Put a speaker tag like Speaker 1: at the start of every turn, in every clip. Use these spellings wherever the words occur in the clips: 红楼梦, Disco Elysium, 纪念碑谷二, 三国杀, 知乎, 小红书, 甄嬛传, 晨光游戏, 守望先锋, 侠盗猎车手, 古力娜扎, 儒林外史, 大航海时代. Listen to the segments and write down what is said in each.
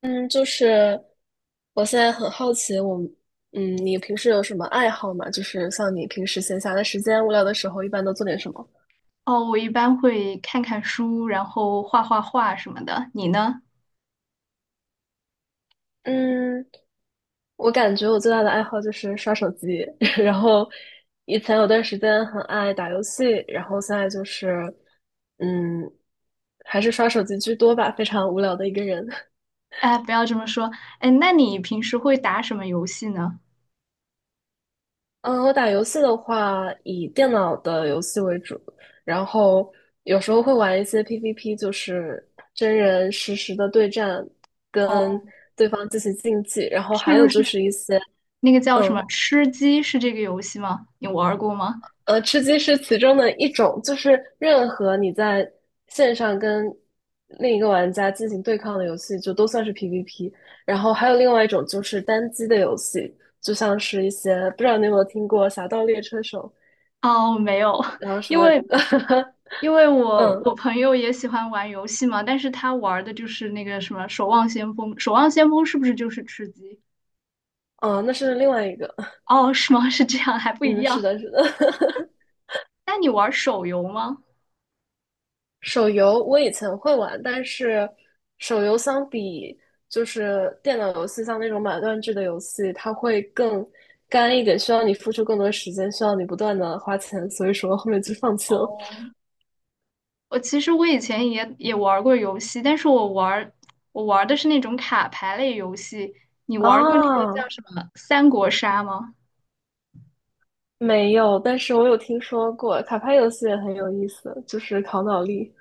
Speaker 1: 嗯，就是我现在很好奇你平时有什么爱好吗？就是像你平时闲暇的时间、无聊的时候，一般都做点什么？
Speaker 2: 哦，我一般会看看书，然后画画什么的。你呢？
Speaker 1: 嗯，我感觉我最大的爱好就是刷手机，然后以前有段时间很爱打游戏，然后现在嗯，还是刷手机居多吧，非常无聊的一个人。
Speaker 2: 哎，不要这么说。哎，那你平时会打什么游戏呢？
Speaker 1: 嗯，我打游戏的话，以电脑的游戏为主，然后有时候会玩一些 PVP，就是真人实时的对战，跟
Speaker 2: 哦，
Speaker 1: 对方进行竞技，然后
Speaker 2: 是
Speaker 1: 还
Speaker 2: 不
Speaker 1: 有就
Speaker 2: 是
Speaker 1: 是一些，
Speaker 2: 那个叫什
Speaker 1: 嗯，
Speaker 2: 么吃鸡？是这个游戏吗？你玩儿过吗？
Speaker 1: 吃鸡是其中的一种，就是任何你在线上跟另一个玩家进行对抗的游戏，就都算是 PVP。然后还有另外一种就是单机的游戏，就像是一些，不知道你有没有听过《侠盗猎车手》，
Speaker 2: 哦，没有，
Speaker 1: 然后 什
Speaker 2: 因
Speaker 1: 么。
Speaker 2: 为 因为我
Speaker 1: 嗯，
Speaker 2: 我朋友也喜欢玩游戏嘛，但是他玩儿的就是那个什么《守望先锋》。《守望先锋》是不是就是吃鸡？
Speaker 1: 哦，那是另外一个。
Speaker 2: 哦，是吗？是这样，还不一
Speaker 1: 嗯，是
Speaker 2: 样。
Speaker 1: 的，是的。
Speaker 2: 那你玩儿手游吗？
Speaker 1: 手游我以前会玩，但是手游相比就是电脑游戏，像那种买断制的游戏，它会更干一点，需要你付出更多时间，需要你不断的花钱，所以说后面就放弃了。
Speaker 2: 哦。我其实以前也玩过游戏，但是我玩儿的是那种卡牌类游戏。你玩儿过那个叫
Speaker 1: 啊，
Speaker 2: 什么《三国杀》吗？
Speaker 1: 没有，但是我有听说过卡牌游戏也很有意思，就是考脑力。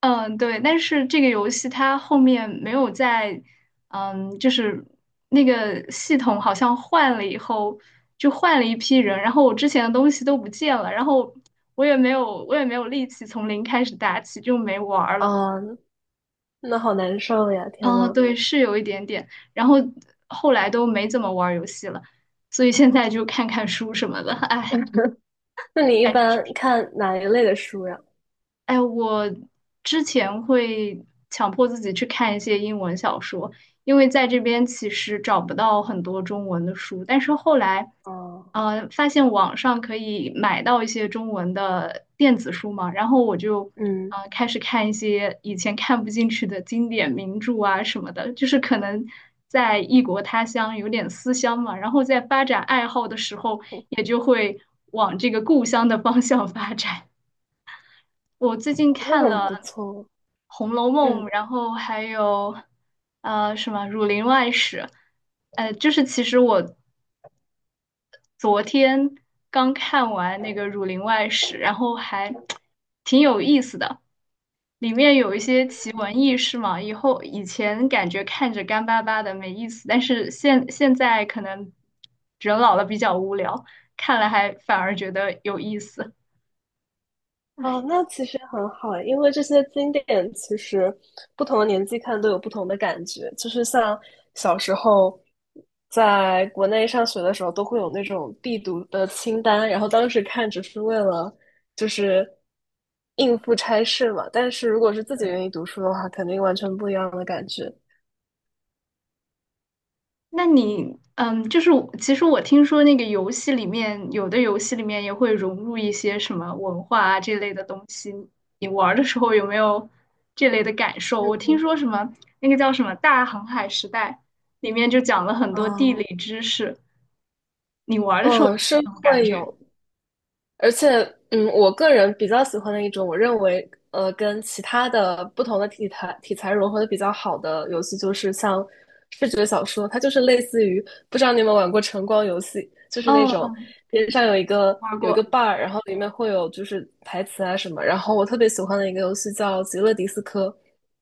Speaker 2: 嗯，对。但是这个游戏它后面没有在，嗯，就是那个系统好像换了以后，就换了一批人，然后我之前的东西都不见了，然后我也没有力气从零开始打起，就没玩儿了。
Speaker 1: 啊，那好难受呀！天
Speaker 2: 啊，
Speaker 1: 呐，
Speaker 2: 对，是有一点点，然后后来都没怎么玩儿游戏了，所以现在就看看书什么的，哎，
Speaker 1: 那你一
Speaker 2: 感觉是
Speaker 1: 般看哪一类的书呀？
Speaker 2: 哎，我之前会强迫自己去看一些英文小说，因为在这边其实找不到很多中文的书。但是后来，
Speaker 1: 哦，
Speaker 2: 发现网上可以买到一些中文的电子书嘛，然后我就
Speaker 1: 嗯。
Speaker 2: 开始看一些以前看不进去的经典名著啊什么的，就是可能在异国他乡有点思乡嘛，然后在发展爱好的时候，
Speaker 1: 哦
Speaker 2: 也就会往这个故乡的方向发展。我最近
Speaker 1: 那
Speaker 2: 看
Speaker 1: 很
Speaker 2: 了。
Speaker 1: 不错，
Speaker 2: 《红楼梦》，
Speaker 1: 嗯，
Speaker 2: 然后还有什么《儒林外史》，就是其实我昨天刚看完那个《儒林外史》，然后还挺有意思的，里面有一些奇闻异事嘛。以后以前感觉看着干巴巴的没意思，但是现在可能人老了比较无聊，看了还反而觉得有意思。
Speaker 1: 哦，那其实很好，因为这些经典其实不同的年纪看都有不同的感觉，就是像小时候在国内上学的时候，都会有那种必读的清单，然后当时看只是为了就是应付差事嘛，但是如果是自己愿意读书的话，肯定完全不一样的感觉。
Speaker 2: 那你，嗯，就是我其实听说那个游戏里面，有的游戏里面也会融入一些什么文化啊这类的东西。你玩儿的时候有没有这类的感受？我听
Speaker 1: 嗯
Speaker 2: 说什么那个叫什么《大航海时代》，里面就讲了很多地
Speaker 1: 嗯
Speaker 2: 理知识。你玩儿的时候有
Speaker 1: 嗯，
Speaker 2: 没
Speaker 1: 是
Speaker 2: 有什么感
Speaker 1: 会
Speaker 2: 觉？
Speaker 1: 有，而且，嗯，我个人比较喜欢的一种，我认为，跟其他的不同的题材融合的比较好的游戏，就是像视觉小说，它就是类似于，不知道你有没有玩过晨光游戏，就是那
Speaker 2: 哦，
Speaker 1: 种
Speaker 2: 嗯
Speaker 1: 边上有一个
Speaker 2: 玩
Speaker 1: 有一
Speaker 2: 过。
Speaker 1: 个 bar，然后里面会有就是台词啊什么。然后我特别喜欢的一个游戏叫《极乐迪斯科》，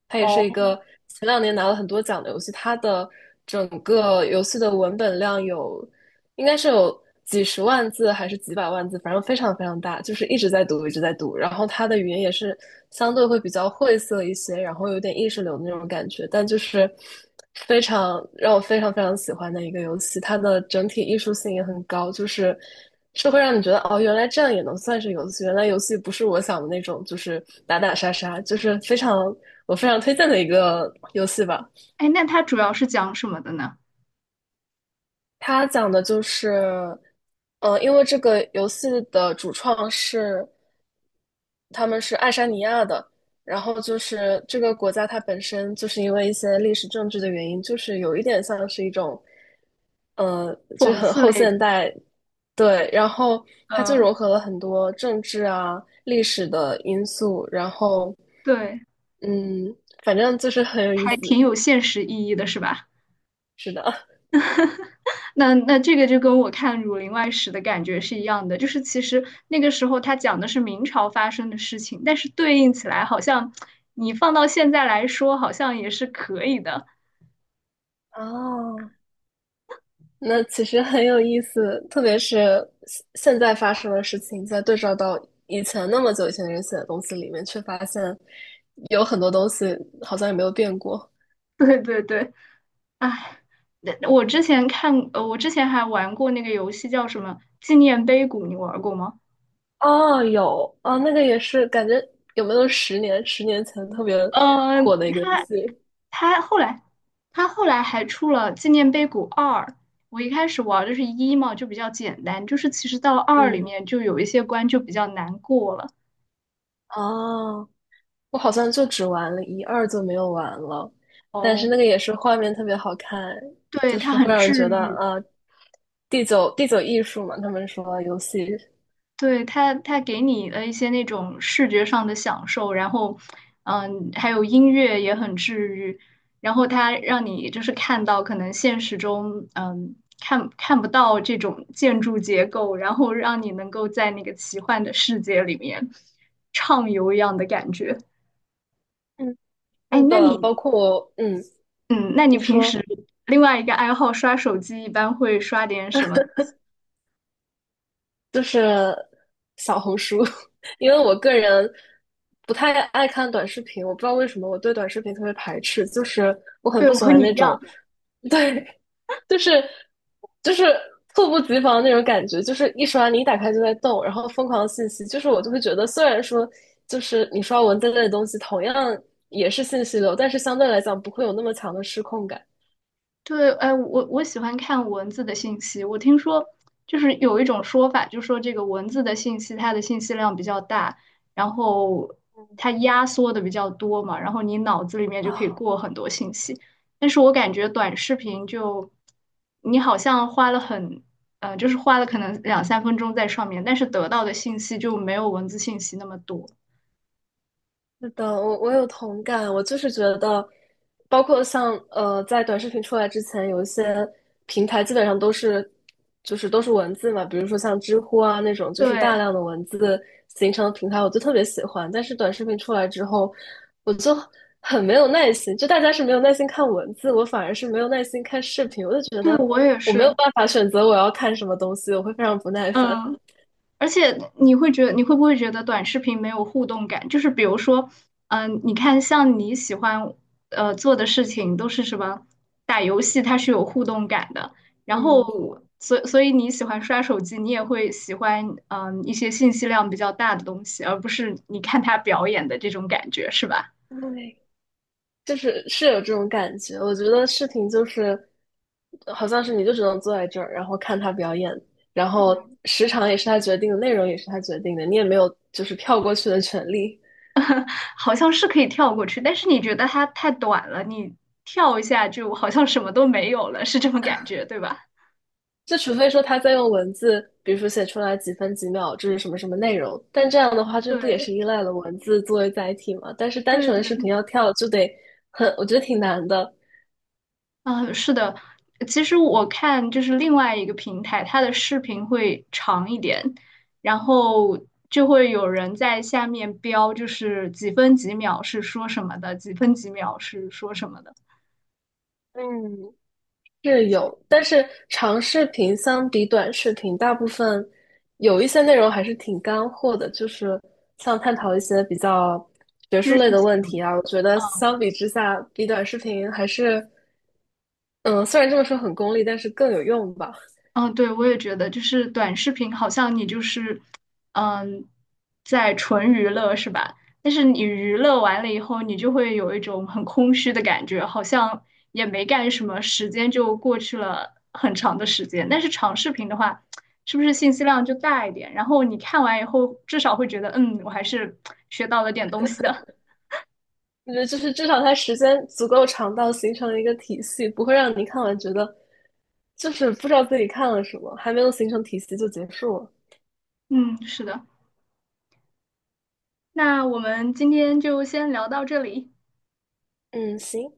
Speaker 1: 它也
Speaker 2: 哦，
Speaker 1: 是一个前两年拿了很多奖的游戏，它的整个游戏的文本量有。应该是有几十万字还是几百万字，反正非常非常大，就是一直在读，一直在读。然后它的语言也是相对会比较晦涩一些，然后有点意识流的那种感觉，但就是非常让我非常非常喜欢的一个游戏，它的整体艺术性也很高，就是是会让你觉得哦，原来这样也能算是游戏，原来游戏不是我想的那种，就是打打杀杀，就是非常我非常推荐的一个游戏吧。
Speaker 2: 哎，那它主要是讲什么的呢？
Speaker 1: 它讲的就是，因为这个游戏的主创是他们是爱沙尼亚的，然后就是这个国家它本身就是因为一些历史政治的原因，就是有一点像是一种，就是
Speaker 2: 讽
Speaker 1: 很
Speaker 2: 刺
Speaker 1: 后
Speaker 2: 类的。
Speaker 1: 现代，对，然后它就
Speaker 2: 嗯，
Speaker 1: 融合了很多政治啊、历史的因素，然后，
Speaker 2: 对，
Speaker 1: 嗯，反正就是很有意
Speaker 2: 还
Speaker 1: 思，
Speaker 2: 挺有现实意义的，是吧？
Speaker 1: 是的，
Speaker 2: 那这个就跟我看《儒林外史》的感觉是一样的，就是其实那个时候他讲的是明朝发生的事情，但是对应起来好像你放到现在来说，好像也是可以的。
Speaker 1: 哦，那其实很有意思，特别是现在发生的事情，再对照到以前那么久以前的人写的东西里面，却发现有很多东西好像也没有变过。
Speaker 2: 对对对，哎，那我之前看，我之前还玩过那个游戏叫什么《纪念碑谷》，你玩过吗？
Speaker 1: 哦，有，哦，那个也是，感觉有没有十年、十年前特别
Speaker 2: 呃，
Speaker 1: 火的一个游
Speaker 2: 他
Speaker 1: 戏？
Speaker 2: 他后来他后来还出了《纪念碑谷二》。我一开始玩的是一嘛，就比较简单，就是其实到了二里
Speaker 1: 嗯，
Speaker 2: 面就有一些关就比较难过了。
Speaker 1: 哦，我好像就只玩了一二就没有玩了，但是
Speaker 2: 哦，
Speaker 1: 那个也是画面特别好看，就
Speaker 2: 对，它
Speaker 1: 是会
Speaker 2: 很
Speaker 1: 让人觉
Speaker 2: 治
Speaker 1: 得
Speaker 2: 愈。
Speaker 1: 啊，第九艺术嘛，他们说游戏。
Speaker 2: 对，它给你的一些那种视觉上的享受，然后，嗯，还有音乐也很治愈，然后它让你就是看到可能现实中，嗯，看不到这种建筑结构，然后让你能够在那个奇幻的世界里面畅游一样的感觉。
Speaker 1: 嗯。
Speaker 2: 哎，
Speaker 1: 是
Speaker 2: 那
Speaker 1: 的，
Speaker 2: 你，
Speaker 1: 包括我，嗯，
Speaker 2: 嗯，那你
Speaker 1: 你
Speaker 2: 平
Speaker 1: 说
Speaker 2: 时另外一个爱好刷手机，一般会刷点什么？
Speaker 1: 就是小红书，因为我个人不太爱看短视频，我不知道为什么我对短视频特别排斥，就是我很
Speaker 2: 对，
Speaker 1: 不
Speaker 2: 我
Speaker 1: 喜
Speaker 2: 和
Speaker 1: 欢
Speaker 2: 你一
Speaker 1: 那
Speaker 2: 样。
Speaker 1: 种，对，就是就是猝不及防那种感觉，就是一刷你一打开就在动，然后疯狂的信息，就是我就会觉得，虽然说就是你刷文字类的东西同样也是信息流，但是相对来讲不会有那么强的失控感
Speaker 2: 对，哎，我喜欢看文字的信息。我听说，就是有一种说法，就说这个文字的信息，它的信息量比较大，然后它压缩的比较多嘛，然后你脑子里面就可以
Speaker 1: 啊，
Speaker 2: 过很多信息。但是我感觉短视频就，你好像花了很，花了可能两三分钟在上面，但是得到的信息就没有文字信息那么多。
Speaker 1: 是的，我有同感，我就是觉得，包括像在短视频出来之前，有一些平台基本上都是，就是都是文字嘛，比如说像知乎啊那种，就是大
Speaker 2: 对，
Speaker 1: 量的文字形成的平台，我就特别喜欢。但是短视频出来之后，我就很没有耐心，就大家是没有耐心看文字，我反而是没有耐心看视频，我就觉
Speaker 2: 对，
Speaker 1: 得
Speaker 2: 我也
Speaker 1: 我没有
Speaker 2: 是，
Speaker 1: 办法选择我要看什么东西，我会非常不耐烦。
Speaker 2: 嗯。而且你会觉得，你会不会觉得短视频没有互动感？就是比如说，嗯、你看像你喜欢做的事情都是什么打游戏，它是有互动感的。然后，
Speaker 1: 嗯，
Speaker 2: 所以你喜欢刷手机，你也会喜欢嗯、一些信息量比较大的东西，而不是你看他表演的这种感觉，是吧？
Speaker 1: 对。就是是有这种感觉。我觉得视频就是，好像是你就只能坐在这儿，然后看他表演，然后时长也是他决定的，内容也是他决定的，你也没有就是跳过去的权利。
Speaker 2: 好像是可以跳过去，但是你觉得它太短了，你跳一下就好像什么都没有了，是这种感觉，对吧？
Speaker 1: 就除非说他在用文字，比如说写出来几分几秒，这是什么什么内容，但这样的话，这不也
Speaker 2: 对
Speaker 1: 是依赖了文字作为载体吗？但是单
Speaker 2: 对
Speaker 1: 纯的视
Speaker 2: 对
Speaker 1: 频要跳，就得很，我觉得挺难的。
Speaker 2: 嗯，是的，其实我看就是另外一个平台，它的视频会长一点，然后就会有人在下面标，就是几分几秒是说什么的，几分几秒是说什么的，
Speaker 1: 嗯，是有，但是长视频相比短视频，大部分有一些内容还是挺干货的，就是像探讨一些比较学术
Speaker 2: 知识
Speaker 1: 类的
Speaker 2: 性
Speaker 1: 问
Speaker 2: 的。
Speaker 1: 题啊。我觉得
Speaker 2: 嗯
Speaker 1: 相比之下，比短视频还是，嗯，虽然这么说很功利，但是更有用吧。
Speaker 2: 嗯，对，我也觉得，就是短视频好像你就是，嗯，在纯娱乐是吧？但是你娱乐完了以后，你就会有一种很空虚的感觉，好像也没干什么，时间就过去了很长的时间。但是长视频的话，是不是信息量就大一点？然后你看完以后，至少会觉得，嗯，我还是学到了点东西的。
Speaker 1: 我觉得就是至少它时间足够长到形成一个体系，不会让你看完觉得就是不知道自己看了什么，还没有形成体系就结束了。
Speaker 2: 嗯，是的。那我们今天就先聊到这里。
Speaker 1: 嗯，行。